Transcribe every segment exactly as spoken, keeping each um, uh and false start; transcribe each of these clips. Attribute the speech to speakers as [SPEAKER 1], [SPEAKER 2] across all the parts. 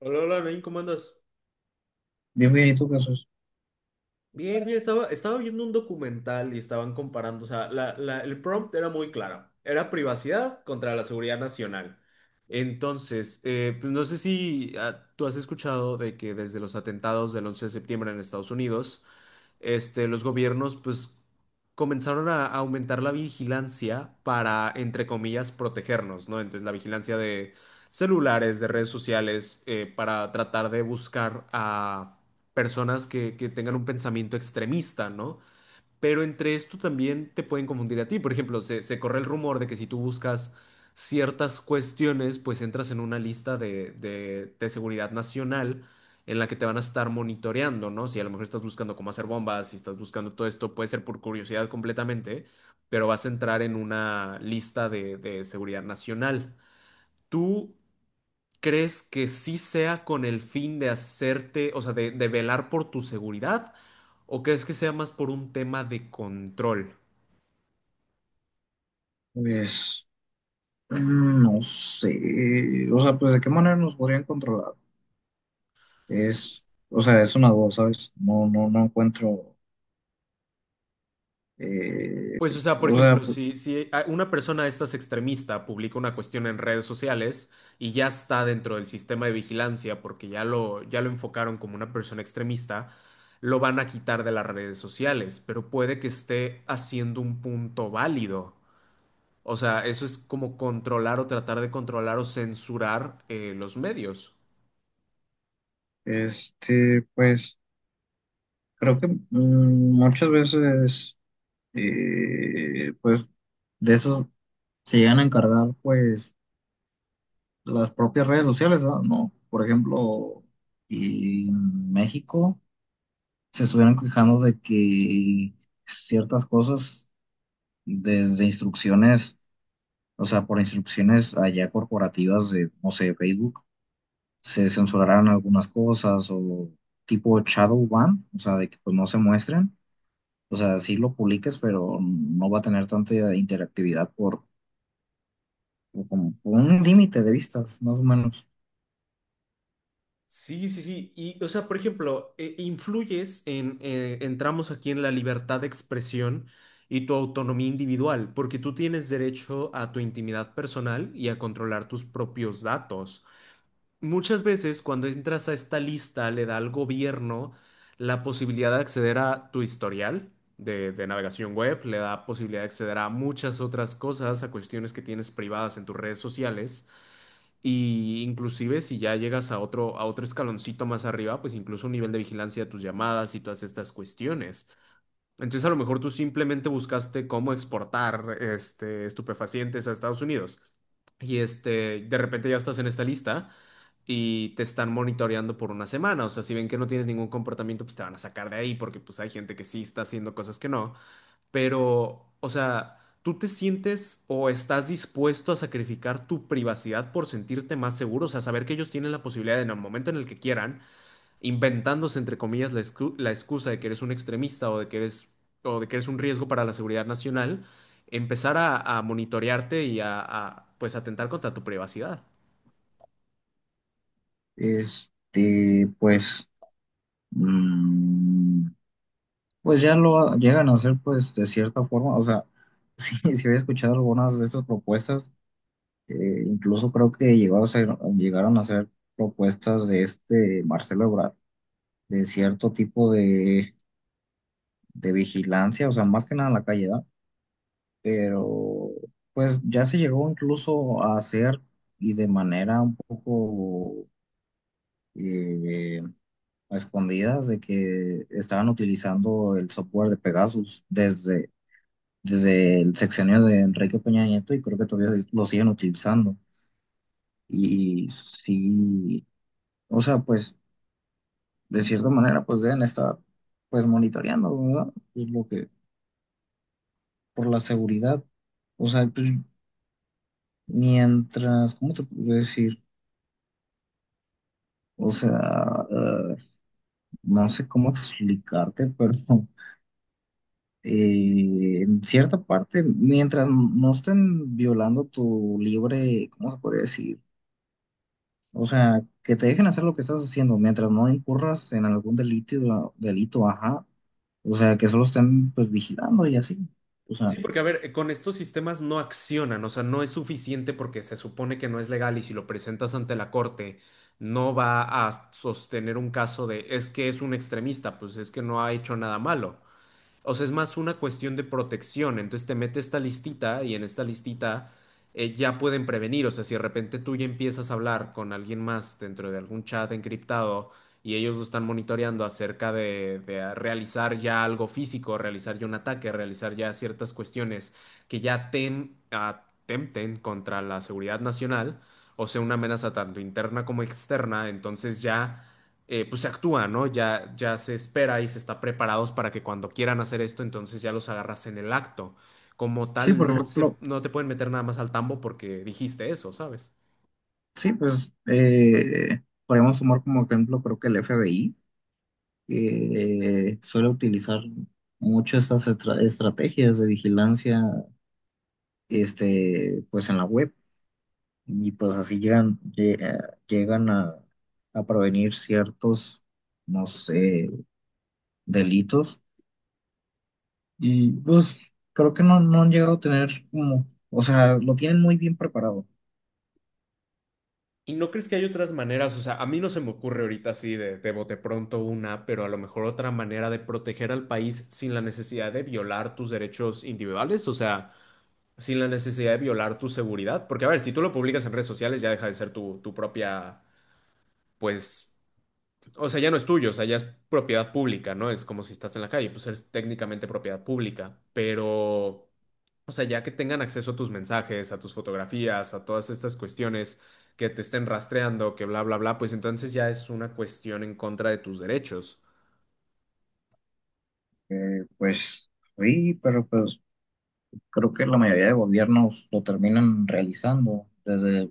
[SPEAKER 1] Hola, hola, Nain, ¿cómo andas?
[SPEAKER 2] Bien, bien, ¿y tú, Jesús?
[SPEAKER 1] Bien, bien, estaba, estaba viendo un documental y estaban comparando, o sea, la- la- el prompt era muy claro, era privacidad contra la seguridad nacional. Entonces, eh, pues no sé si ah, tú has escuchado de que desde los atentados del once de septiembre en Estados Unidos, este, los gobiernos pues comenzaron a a aumentar la vigilancia para, entre comillas, protegernos, ¿no? Entonces, la vigilancia de celulares, de redes sociales, eh, para tratar de buscar a personas que, que tengan un pensamiento extremista, ¿no? Pero entre esto también te pueden confundir a ti. Por ejemplo, se, se corre el rumor de que si tú buscas ciertas cuestiones, pues entras en una lista de, de, de seguridad nacional en la que te van a estar monitoreando, ¿no? Si a lo mejor estás buscando cómo hacer bombas, si estás buscando todo esto, puede ser por curiosidad completamente, pero vas a entrar en una lista de, de seguridad nacional. ¿Tú crees que sí sea con el fin de hacerte, o sea, de, de velar por tu seguridad? ¿O crees que sea más por un tema de control?
[SPEAKER 2] Pues, mm, no sé, o sea, pues, ¿de qué manera nos podrían controlar? Es, o sea, es una duda, ¿sabes? No, no, no encuentro, eh,
[SPEAKER 1] Pues, o sea, por
[SPEAKER 2] o sea,
[SPEAKER 1] ejemplo,
[SPEAKER 2] pu-
[SPEAKER 1] si, si a- una persona de estas extremista publica una cuestión en redes sociales y ya está dentro del sistema de vigilancia porque ya lo, ya lo enfocaron como una persona extremista, lo van a quitar de las redes sociales, pero puede que esté haciendo un punto válido. O sea, eso es como controlar o tratar de controlar o censurar eh, los medios.
[SPEAKER 2] este, pues, creo que mm, muchas veces, eh, pues, de esos se llegan a encargar, pues, las propias redes sociales, ¿ah? ¿No? Por ejemplo, y en México se estuvieron quejando de que ciertas cosas desde instrucciones, o sea, por instrucciones allá corporativas de, no sé, Facebook, se censurarán algunas cosas o tipo shadow ban, o sea, de que pues no se muestren, o sea, sí lo publiques, pero no va a tener tanta interactividad por, por como por un límite de vistas, más o menos.
[SPEAKER 1] Sí, sí, sí. Y, o sea, por ejemplo, eh, influyes en, eh, entramos aquí en la libertad de expresión y tu autonomía individual, porque tú tienes derecho a tu intimidad personal y a controlar tus propios datos. Muchas veces cuando entras a esta lista le da al gobierno la posibilidad de acceder a tu historial de, de navegación web, le da posibilidad de acceder a muchas otras cosas, a cuestiones que tienes privadas en tus redes sociales. Y inclusive si ya llegas a otro, a otro escaloncito más arriba, pues incluso un nivel de vigilancia de tus llamadas y todas estas cuestiones. Entonces a lo mejor tú simplemente buscaste cómo exportar este, estupefacientes a Estados Unidos. Y este, de repente ya estás en esta lista y te están monitoreando por una semana. O sea, si ven que no tienes ningún comportamiento, pues te van a sacar de ahí porque pues hay gente que sí está haciendo cosas que no. Pero, o sea, ¿tú te sientes o estás dispuesto a sacrificar tu privacidad por sentirte más seguro? O sea, saber que ellos tienen la posibilidad de, en el momento en el que quieran, inventándose, entre comillas, la, excu- la excusa de que eres un extremista o de que eres, o de que eres un riesgo para la seguridad nacional, empezar a, a monitorearte y a, a, pues, atentar contra tu privacidad.
[SPEAKER 2] Este, pues, mm, pues ya lo llegan a hacer pues de cierta forma, o sea, sí, sí había escuchado algunas de estas propuestas. Eh, incluso creo que llegó a ser- llegaron a hacer propuestas de este Marcelo Ebrard, de cierto tipo de, de vigilancia, o sea, más que nada en la calle, ¿verdad? Pero pues ya se llegó incluso a hacer y de manera un poco eh, a escondidas de que estaban utilizando el software de Pegasus desde, desde el sexenio de Enrique Peña Nieto y creo que todavía lo siguen utilizando. Y sí, o sea, pues de cierta manera, pues deben estar, pues monitoreando, ¿verdad? Pues lo que, por la seguridad. O sea, pues mientras, ¿cómo te puedo decir? O sea, eh, no sé cómo explicarte, pero eh, en cierta parte, mientras no estén violando tu libre, ¿cómo se podría decir? O sea, que te dejen hacer lo que estás haciendo, mientras no incurras en algún delito, delito, ajá. O sea, que solo estén pues vigilando y así. O
[SPEAKER 1] Sí,
[SPEAKER 2] sea,
[SPEAKER 1] porque a ver, eh, con estos sistemas no accionan, o sea, no es suficiente porque se supone que no es legal y si lo presentas ante la corte no va a sostener un caso de es que es un extremista, pues es que no ha hecho nada malo. O sea, es más una cuestión de protección. Entonces te mete esta listita y en esta listita eh, ya pueden prevenir. O sea, si de repente tú ya empiezas a hablar con alguien más dentro de algún chat encriptado y ellos lo están monitoreando acerca de, de realizar ya algo físico, realizar ya un ataque, realizar ya ciertas cuestiones que ya tem- atempten contra la seguridad nacional, o sea, una amenaza tanto interna como externa, entonces ya eh, pues se actúa, ¿no? Ya, ya se espera y se está preparados para que cuando quieran hacer esto, entonces ya los agarras en el acto. Como
[SPEAKER 2] sí,
[SPEAKER 1] tal,
[SPEAKER 2] por
[SPEAKER 1] no, se-
[SPEAKER 2] ejemplo.
[SPEAKER 1] no te pueden meter nada más al tambo porque dijiste eso, ¿sabes?
[SPEAKER 2] Sí, pues eh, podemos tomar como ejemplo, creo que el F B I, que eh, suele utilizar mucho estas estra- estrategias de vigilancia, este, pues en la web, y pues así llegan, lle- eh, llegan a, a prevenir ciertos, no sé, delitos, y pues creo que no, no han llegado a tener como, o sea, lo tienen muy bien preparado,
[SPEAKER 1] ¿Y no crees que hay otras maneras? O sea, a mí no se me ocurre ahorita así de, de bote pronto una, pero a lo mejor otra manera de proteger al país sin la necesidad de violar tus derechos individuales, o sea, sin la necesidad de violar tu seguridad. Porque, a ver, si tú lo publicas en redes sociales ya deja de ser tu, tu propia, pues. O sea, ya no es tuyo, o sea, ya es propiedad pública, ¿no? Es como si estás en la calle, pues eres técnicamente propiedad pública, pero, o sea, ya que tengan acceso a tus mensajes, a tus fotografías, a todas estas cuestiones que te estén rastreando, que bla, bla, bla, pues entonces ya es una cuestión en contra de tus derechos.
[SPEAKER 2] eh, pues sí, pero pues creo que la mayoría de gobiernos lo terminan realizando, desde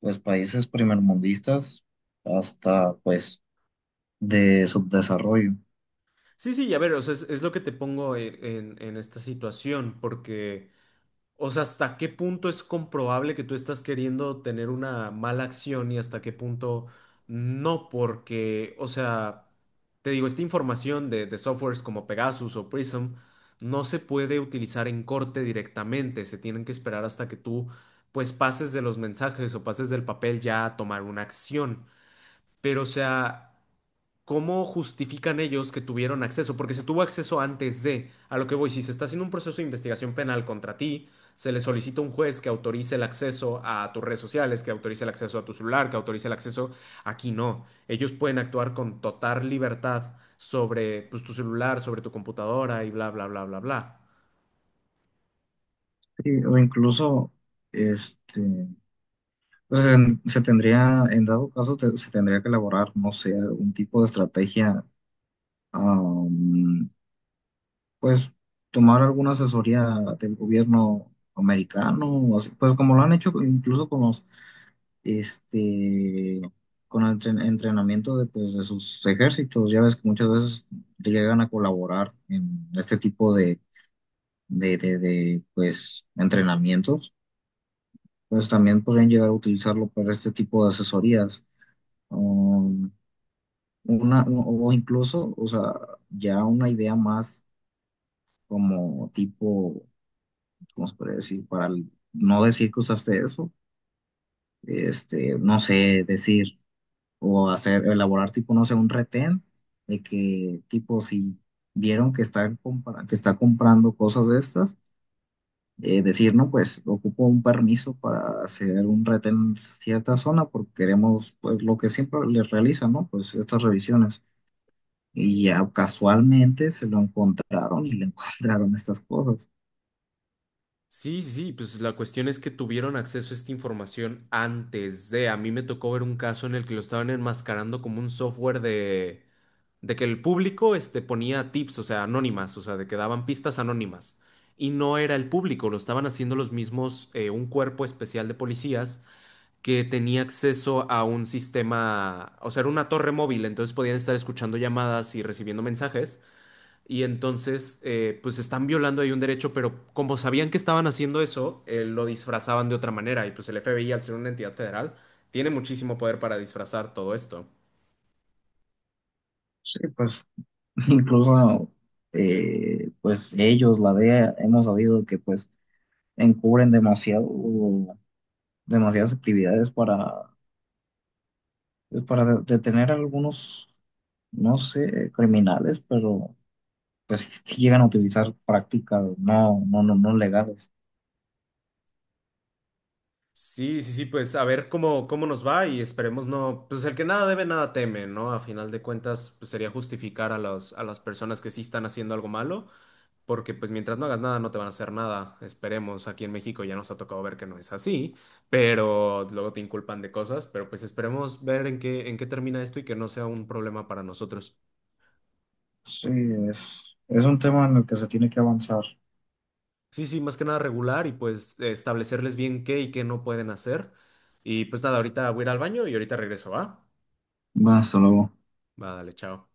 [SPEAKER 2] pues países primermundistas hasta pues de subdesarrollo.
[SPEAKER 1] Sí, sí, y a ver, o sea, es, es lo que te pongo en, en en esta situación, porque... O sea, ¿hasta qué punto es comprobable que tú estás queriendo tener una mala acción y hasta qué punto no? Porque, o sea, te digo, esta información de, de softwares como Pegasus o Prism no se puede utilizar en corte directamente, se tienen que esperar hasta que tú pues pases de los mensajes o pases del papel ya a tomar una acción. Pero, o sea... ¿Cómo justifican ellos que tuvieron acceso? Porque se tuvo acceso antes de, a lo que voy, si se está haciendo un proceso de investigación penal contra ti, se le solicita a un juez que autorice el acceso a tus redes sociales, que autorice el acceso a tu celular, que autorice el acceso. Aquí no. Ellos pueden actuar con total libertad sobre, pues, tu celular, sobre tu computadora y bla, bla, bla, bla, bla.
[SPEAKER 2] Sí, o incluso este pues, en- se tendría, en dado caso, te- se tendría que elaborar, no sé, un tipo de estrategia, am, pues tomar alguna asesoría del gobierno americano, o así, pues como lo han hecho incluso con los este, con el entren- entrenamiento de, pues, de sus ejércitos. Ya ves que muchas veces llegan a colaborar en este tipo de, de, de, de, pues, entrenamientos. Pues también podrían llegar a utilizarlo para este tipo de asesorías. Um, una, o incluso, o sea, ya una idea más como tipo, ¿cómo se puede decir? Para el- no decir que usaste eso, este, no sé, decir. O hacer, elaborar tipo, no sé, un retén de que tipo si vieron que está, compra- que está comprando cosas de estas, eh, decir, no, pues ocupo un permiso para hacer un retén en cierta zona porque queremos, pues lo que siempre les realizan, ¿no? Pues estas revisiones. Y ya casualmente se lo encontraron y le encontraron estas cosas.
[SPEAKER 1] Sí, sí, sí, pues la cuestión es que tuvieron acceso a esta información antes de. A mí me tocó ver un caso en el que lo estaban enmascarando como un software de de que el público este, ponía tips, o sea, anónimas, o sea, de que daban pistas anónimas. Y no era el público, lo estaban haciendo los mismos, eh, un cuerpo especial de policías que tenía acceso a un sistema, o sea, era una torre móvil, entonces podían estar escuchando llamadas y recibiendo mensajes. Y entonces, eh, pues están violando ahí un derecho, pero como sabían que estaban haciendo eso, eh, lo disfrazaban de otra manera. Y pues el F B I, al ser una entidad federal, tiene muchísimo poder para disfrazar todo esto.
[SPEAKER 2] Sí, pues incluso, eh, pues ellos, la D E A, hemos sabido que pues encubren demasiado demasiadas actividades para, pues, para de- detener a algunos, no sé, criminales, pero pues sí llegan a utilizar prácticas no, no, no, no legales.
[SPEAKER 1] Sí, sí, sí, pues a ver cómo, cómo nos va y esperemos no, pues el que nada debe, nada teme, ¿no? A final de cuentas, pues sería justificar a los, a las personas que sí están haciendo algo malo, porque pues mientras no hagas nada no te van a hacer nada, esperemos, aquí en México ya nos ha tocado ver que no es así, pero luego te inculpan de cosas, pero pues esperemos ver en qué, en qué termina esto y que no sea un problema para nosotros.
[SPEAKER 2] Sí, es, es un tema en el que se tiene que avanzar.
[SPEAKER 1] Sí, sí, más que nada regular y pues establecerles bien qué y qué no pueden hacer. Y pues nada, ahorita voy a ir al baño y ahorita regreso, ¿va?
[SPEAKER 2] Va, hasta luego.
[SPEAKER 1] Vale, chao.